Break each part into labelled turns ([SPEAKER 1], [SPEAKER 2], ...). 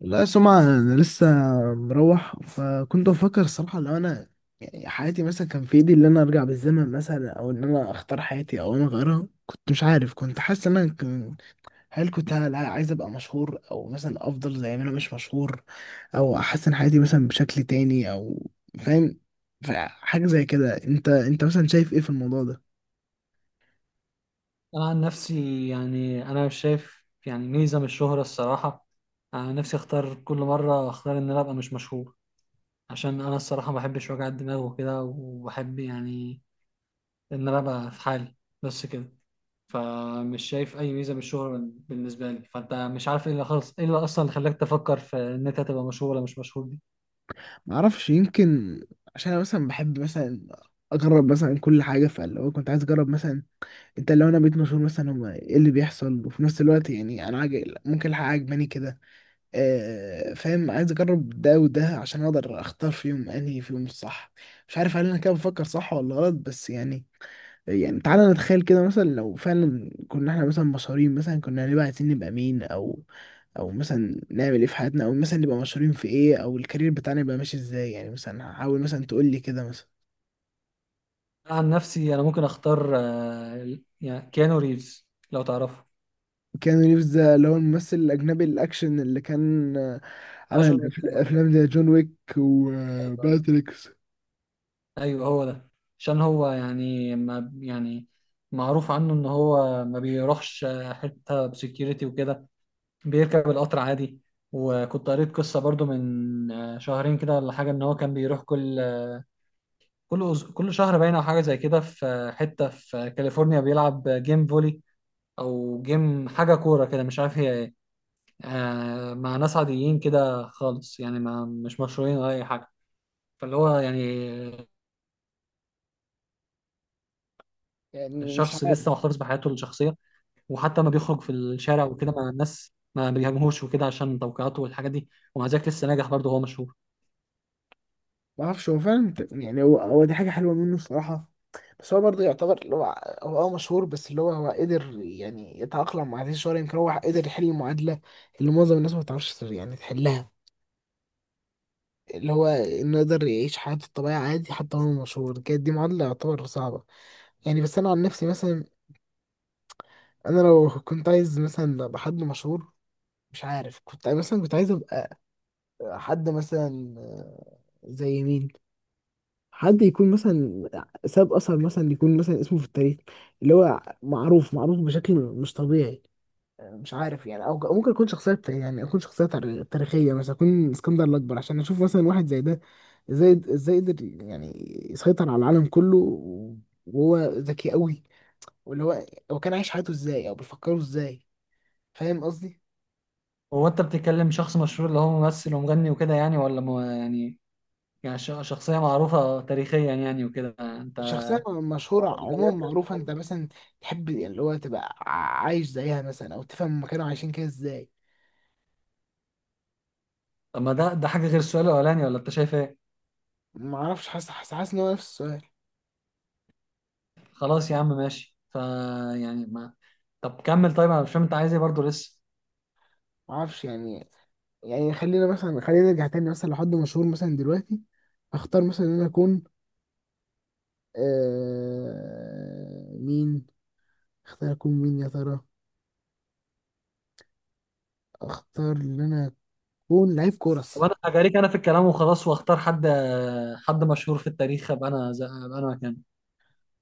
[SPEAKER 1] لا سمعة، أنا لسه مروح. فكنت بفكر الصراحة لو أنا يعني حياتي مثلا كان في إيدي إن أنا أرجع بالزمن مثلا، أو إن أنا أختار حياتي أو أنا أغيرها. كنت مش عارف، كنت حاسس إن أنا عايز أبقى مشهور، أو مثلا أفضل زي ما أنا مش مشهور، أو أحسن حياتي مثلا بشكل تاني، أو فاهم؟ فحاجة زي كده، أنت مثلا شايف إيه في الموضوع ده؟
[SPEAKER 2] أنا عن نفسي يعني أنا مش شايف يعني ميزة من الشهرة الصراحة. أنا نفسي أختار، كل مرة أختار إن أنا أبقى مش مشهور، عشان أنا الصراحة ما بحبش وجع الدماغ وكده، وبحب يعني إن أنا أبقى في حالي، بس كده. فمش شايف أي ميزة من الشهرة بالنسبة لي. فأنت مش عارف إيه اللي خلص، إيه اللي أصلا خلاك تفكر في إن أنت تبقى مشهور ولا مش مشهور دي؟
[SPEAKER 1] معرفش، يمكن عشان أنا مثلا بحب مثلا أجرب مثلا كل حاجة. فاللي هو كنت عايز أجرب مثلا انت، لو انا بقيت مسؤول مثلا، هم ايه اللي بيحصل؟ وفي نفس الوقت يعني انا عاجل ممكن الحق عجباني كده. آه فاهم، عايز اجرب ده وده عشان اقدر اختار فيهم انهي فيهم الصح. مش عارف هل انا كده بفكر صح ولا غلط، بس يعني يعني تعالى نتخيل كده مثلا، لو فعلا كنا احنا مثلا مشهورين، مثلا كنا هنبقى عايزين نبقى مين، او او مثلا نعمل ايه في حياتنا، او مثلا نبقى مشهورين في ايه، او الكارير بتاعنا يبقى ماشي ازاي؟ يعني مثلا حاول مثلا تقول لي كده مثلا.
[SPEAKER 2] أنا عن نفسي أنا ممكن أختار، يعني كيانو ريفز، لو تعرفه.
[SPEAKER 1] كيانو ريفز ده اللي هو الممثل الأجنبي الأكشن اللي كان عمل
[SPEAKER 2] أيوة،
[SPEAKER 1] افلام زي جون ويك
[SPEAKER 2] أيوة.
[SPEAKER 1] وماتريكس.
[SPEAKER 2] ايوه، هو ده. عشان هو يعني ما يعني معروف عنه ان هو ما بيروحش حته بسكيورتي وكده، بيركب القطر عادي. وكنت قريت قصه برضو من شهرين كده ولا حاجه، ان هو كان بيروح كل شهر باين او حاجه زي كده، في حته في كاليفورنيا، بيلعب جيم فولي او جيم حاجه كوره كده، مش عارف هي ايه. مع ناس عاديين كده خالص، يعني ما مش مشهورين ولا اي حاجه. فاللي هو يعني
[SPEAKER 1] يعني مش
[SPEAKER 2] شخص لسه
[SPEAKER 1] عارف.
[SPEAKER 2] محتفظ بحياته الشخصيه، وحتى ما بيخرج في الشارع وكده مع الناس ما بيهاجموهوش وكده عشان توقيعاته والحاجات دي، ومع ذلك لسه ناجح، برضه هو مشهور.
[SPEAKER 1] ما اعرفش، هو فعلا يعني هو دي حاجه حلوه منه الصراحه. بس هو برضه يعتبر اللي هو هو اه مشهور، بس اللي هو هو قدر يعني يتأقلم مع هذه الشهرة. يمكن هو قدر يحل المعادلة اللي معظم الناس ما بتعرفش يعني تحلها، اللي هو انه يقدر يعيش حياته الطبيعية عادي حتى وهو مشهور. كانت دي معادلة يعتبر صعبة. يعني بس انا عن نفسي مثلا، انا لو كنت عايز مثلا ابقى حد مشهور، مش عارف، كنت مثلا كنت عايز حد مثلا آه، زي مين. حد يكون مثلا ساب اثر، مثلا يكون مثلا اسمه في التاريخ، اللي هو معروف بشكل مش طبيعي. مش عارف يعني، او أو ممكن يكون يعني اكون تاريخيه، مثلا اكون اسكندر الاكبر عشان اشوف مثلا واحد زي ده ازاي، قدر يعني يسيطر على العالم كله وهو ذكي قوي. واللي هو هو كان عايش حياته ازاي، او بيفكروا ازاي؟ فاهم قصدي؟
[SPEAKER 2] هو انت بتتكلم شخص مشهور اللي هو ممثل ومغني وكده يعني، ولا يعني يعني شخصية معروفة تاريخيا يعني وكده، انت
[SPEAKER 1] شخصية مشهورة عموما
[SPEAKER 2] غيرت
[SPEAKER 1] معروفة.
[SPEAKER 2] الكلام.
[SPEAKER 1] انت مثلا تحب اللي هو تبقى عايش زيها مثلا، او تفهم هما كانوا عايشين كده ازاي؟
[SPEAKER 2] طب ما ده حاجة غير السؤال الأولاني، ولا انت شايف ايه؟
[SPEAKER 1] معرفش، حاسس ان هو نفس السؤال.
[SPEAKER 2] خلاص يا عم، ماشي ف يعني ما، طب كمل. طيب انا مش فاهم انت عايز ايه برضه لسه.
[SPEAKER 1] معرفش يعني. يعني خلينا مثلا، خلينا نرجع تاني مثلا لحد مشهور مثلا دلوقتي. اختار مثلا ان انا اكون آه مين؟ اختار اكون مين يا ترى؟ اختار ان انا اكون لعيب كورة
[SPEAKER 2] طب انا
[SPEAKER 1] الصراحة.
[SPEAKER 2] هجاريك انا في الكلام وخلاص، واختار حد مشهور في التاريخ، ابقى انا مكانه.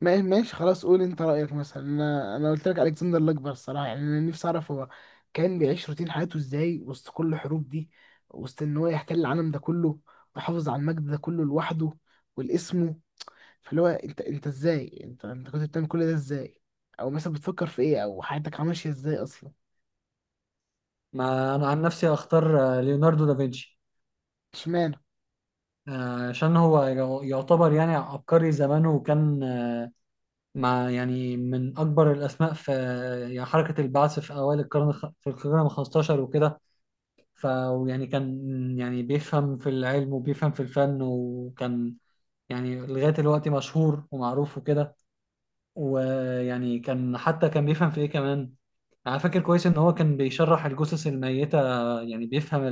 [SPEAKER 1] ماشي، خلاص، قول انت رأيك مثلا. انا قلت لك الكسندر الاكبر الصراحة. يعني انا نفسي اعرف هو كان بيعيش روتين حياته ازاي وسط كل الحروب دي، وسط ان هو يحتل العالم ده كله، ويحافظ على المجد ده كله لوحده والاسمه. فاللي هو انت، انت ازاي انت انت كنت بتعمل كل ده ازاي؟ او مثلا بتفكر في ايه، او حياتك ماشية ازاي اصلا؟
[SPEAKER 2] ما انا عن نفسي اختار ليوناردو دافنشي،
[SPEAKER 1] اشمعنى
[SPEAKER 2] عشان هو يعتبر يعني عبقري زمانه، وكان مع يعني من اكبر الاسماء في يعني حركه البعث في اوائل القرن الخ- في القرن ال 15 وكده. فيعني كان يعني بيفهم في العلم وبيفهم في الفن، وكان يعني لغايه دلوقتي مشهور ومعروف وكده. ويعني كان حتى كان بيفهم في ايه كمان، انا فاكر كويس ان هو كان بيشرح الجثث الميته، يعني بيفهم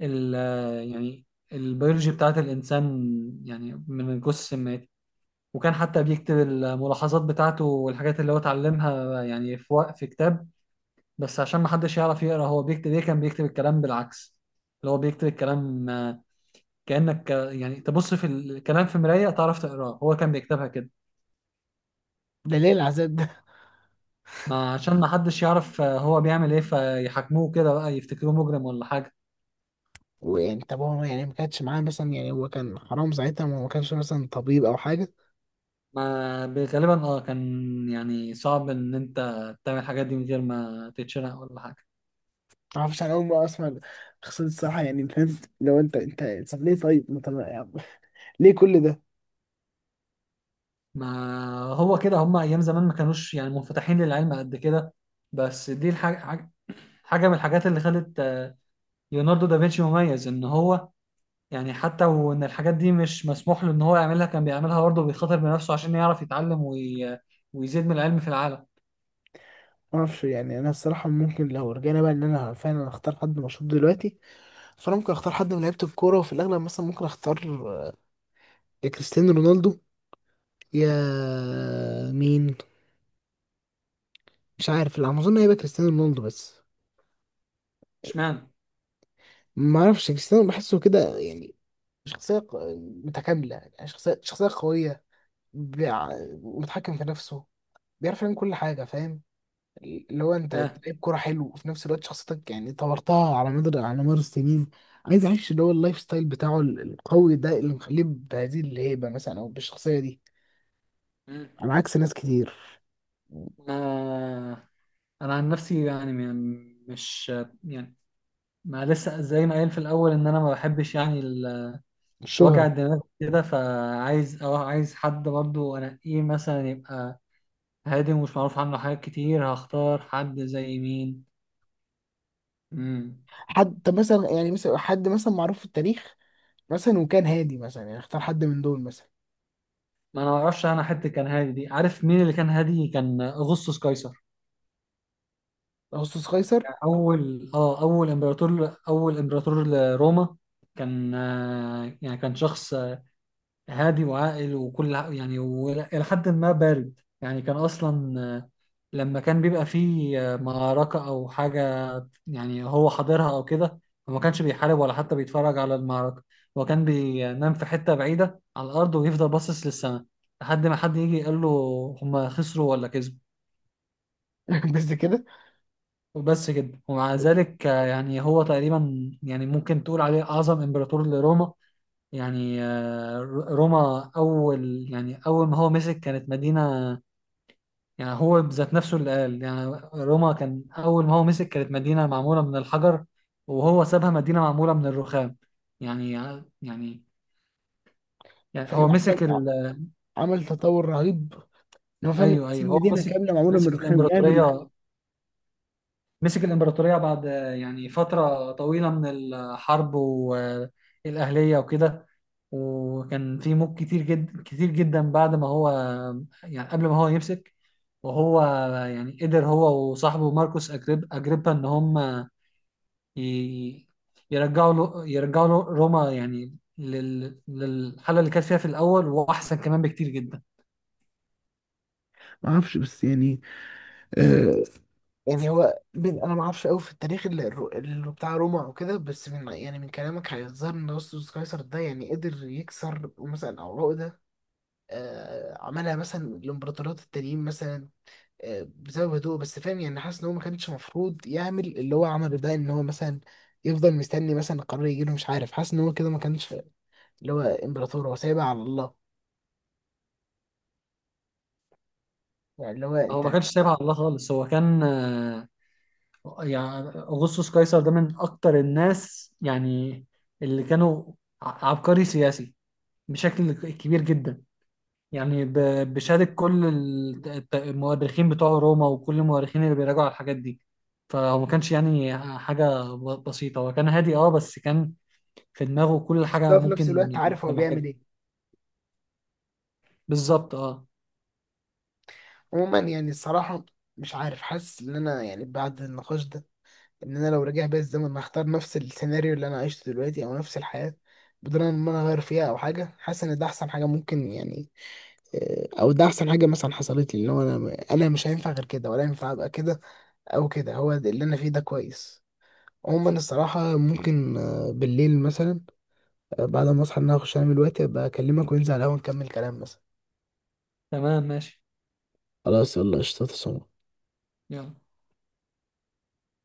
[SPEAKER 2] ال يعني البيولوجي بتاعت الإنسان، يعني من الجثث السمات. وكان حتى بيكتب الملاحظات بتاعته والحاجات اللي هو اتعلمها يعني في كتاب. بس عشان ما حدش يعرف يقرأ هو بيكتب ايه، كان بيكتب الكلام بالعكس، اللي هو بيكتب الكلام، كأنك يعني تبص في الكلام في مراية تعرف تقراه، هو كان بيكتبها كده.
[SPEAKER 1] ده؟ ليه العذاب ده؟
[SPEAKER 2] ما عشان ما حدش يعرف هو بيعمل ايه، فيحاكموه كده بقى، يفتكروه مجرم ولا حاجة.
[SPEAKER 1] ويعني طب هو يعني ما كانش معاه مثلا؟ يعني هو كان حرام ساعتها؟ ما هو ما كانش مثلا طبيب او حاجة.
[SPEAKER 2] ما غالبا كان يعني صعب ان انت تعمل الحاجات دي من غير ما تتشنق ولا حاجه.
[SPEAKER 1] معرفش، انا اول مره اسمع قصة الصراحه. يعني فاهم، لو انت طب ليه؟ طيب ما طب يعني ليه كل ده؟
[SPEAKER 2] ما هو كده، هم ايام زمان ما كانوش يعني منفتحين للعلم قد كده. بس دي الحاجه، حاجة من الحاجات اللي خلت ليوناردو دافنشي مميز، ان هو يعني حتى وان الحاجات دي مش مسموح له ان هو يعملها، كان بيعملها برضه، بيخاطر بنفسه عشان يعرف يتعلم ويزيد من العلم في العالم.
[SPEAKER 1] معرفش يعني، انا الصراحه ممكن لو رجعنا بقى ان انا فعلا اختار حد مشهور دلوقتي، فانا ممكن اختار حد من لعيبه الكوره، وفي الاغلب مثلا ممكن اختار يا كريستيانو رونالدو، يا مين، مش عارف. لا اظن هيبقى كريستيانو رونالدو بس.
[SPEAKER 2] اشمعنى؟
[SPEAKER 1] ما اعرفش، كريستيانو بحسه كده يعني شخصية متكاملة، يعني شخصية شخصية قوية، بيع- متحكم في نفسه، بيعرف يعمل كل حاجة. فاهم؟ اللي هو انت
[SPEAKER 2] فاهم.
[SPEAKER 1] لعيب كوره حلو، وفي نفس الوقت شخصيتك يعني طورتها على مدار السنين. عايز اعيش اللي هو اللايف ستايل بتاعه القوي ده، اللي مخليه بهذه الهيبه مثلا، او بالشخصيه دي
[SPEAKER 2] مم.
[SPEAKER 1] على عكس ناس كتير.
[SPEAKER 2] ما- انا عن نفسي يعني مش يعني ما لسه زي ما قايل في الاول، ان انا ما بحبش يعني وجع
[SPEAKER 1] الشهره
[SPEAKER 2] الدماغ كده، فعايز اه عايز حد برضو انقيه مثلا، يبقى هادي ومش معروف عنه حاجات كتير، هختار حد زي مين. امم
[SPEAKER 1] حد، طب مثلا يعني مثلا حد مثلا معروف في التاريخ مثلا وكان هادي مثلا، يعني اختار حد من دول مثلا.
[SPEAKER 2] ما انا ما اعرفش، انا حد كان هادي دي عارف مين اللي كان هادي؟ كان اغسطس قيصر،
[SPEAKER 1] اغسطس قيصر.
[SPEAKER 2] يعني اول امبراطور لروما. كان يعني كان شخص هادي وعاقل، يعني وإلى حد ما بارد. يعني كان أصلا لما كان بيبقى فيه معركة أو حاجة، يعني هو حاضرها أو كده، هو ما كانش بيحارب ولا حتى بيتفرج على المعركة. هو كان بينام في حتة بعيدة على الأرض، ويفضل باصص للسماء، لحد ما حد يجي يقول له هما خسروا ولا كسبوا.
[SPEAKER 1] بس كده؟
[SPEAKER 2] وبس كده، ومع ذلك يعني هو تقريبا يعني ممكن تقول عليه أعظم إمبراطور لروما. يعني روما يعني أول ما هو مسك كانت مدينة، يعني هو بذات نفسه اللي قال، يعني روما كان أول ما هو مسك كانت مدينة معمولة من الحجر، وهو سابها مدينة معمولة من الرخام. يعني يعني يعني هو
[SPEAKER 1] فاهم،
[SPEAKER 2] مسك ال...
[SPEAKER 1] عمل تطور رهيب، ان هو فعلا
[SPEAKER 2] أيوه،
[SPEAKER 1] تسيب
[SPEAKER 2] أيوه، هو
[SPEAKER 1] مدينه
[SPEAKER 2] مسك
[SPEAKER 1] كامله معموله من
[SPEAKER 2] مسك
[SPEAKER 1] الرخام يعني.
[SPEAKER 2] الإمبراطورية. مسك الإمبراطورية بعد يعني فترة طويلة من الحرب والأهلية وكده، وكان في موت كتير جدا كتير جدا بعد ما هو يعني قبل ما هو يمسك. وهو يعني قدر هو وصاحبه ماركوس أجريبا إن هم ي- يرجعوا له روما، يعني للحالة اللي كانت فيها في الأول، وأحسن كمان بكتير جدا.
[SPEAKER 1] ما اعرفش، بس يعني آه، يعني هو من انا ما اعرفش قوي في التاريخ اللي، اللي بتاع روما او كده. بس من يعني من كلامك هيظهر ان اغسطس قيصر ده يعني قدر يكسر مثلا او عقده، آه، عملها مثلا الامبراطوريات التانيين مثلا. آه، بسبب هدوء بس. فاهم يعني، حاسس ان هو ما كانش المفروض يعمل اللي هو عمله ده. ان هو مثلا يفضل مستني مثلا قرار يجي له، مش عارف. حاسس ان هو كده ما كانش اللي هو امبراطور، هو سايبها على الله. يعني اللي هو
[SPEAKER 2] هو
[SPEAKER 1] انت،
[SPEAKER 2] ما كانش سايبها على الله خالص، هو كان يعني أغسطس قيصر ده من أكتر الناس يعني اللي كانوا عبقري سياسي بشكل كبير جدا، يعني بشهادة كل المؤرخين بتوع روما وكل المؤرخين اللي بيراجعوا على الحاجات دي. فهو ما كانش يعني حاجة بسيطة، هو كان هادي بس كان في دماغه كل
[SPEAKER 1] بس
[SPEAKER 2] حاجة
[SPEAKER 1] ده في
[SPEAKER 2] ممكن
[SPEAKER 1] نفس الوقت
[SPEAKER 2] يعني
[SPEAKER 1] عارف
[SPEAKER 2] انت
[SPEAKER 1] هو بيعمل
[SPEAKER 2] محتاجها.
[SPEAKER 1] ايه.
[SPEAKER 2] بالظبط اه.
[SPEAKER 1] عموما يعني الصراحة مش عارف، حاسس ان انا يعني بعد النقاش ده، ان انا لو رجع بيا الزمن هختار نفس السيناريو اللي انا عشته دلوقتي، او نفس الحياه بدون ان انا اغير فيها او حاجه. حاسس ان ده احسن حاجه ممكن يعني آه، او ده احسن حاجه مثلا حصلت لي. اللي هو انا مش هينفع غير كده، ولا ينفع ابقى كده او كده. هو ده اللي انا فيه ده كويس. عموما الصراحه ممكن آه، بالليل مثلا، آه، بعد ما اصحى ان انا اخش انام دلوقتي، ابقى اكلمك وننزل على القهوه نكمل كلام مثلا.
[SPEAKER 2] تمام، ماشي.
[SPEAKER 1] خلاص يلا، قشطة، تصور.
[SPEAKER 2] يلا.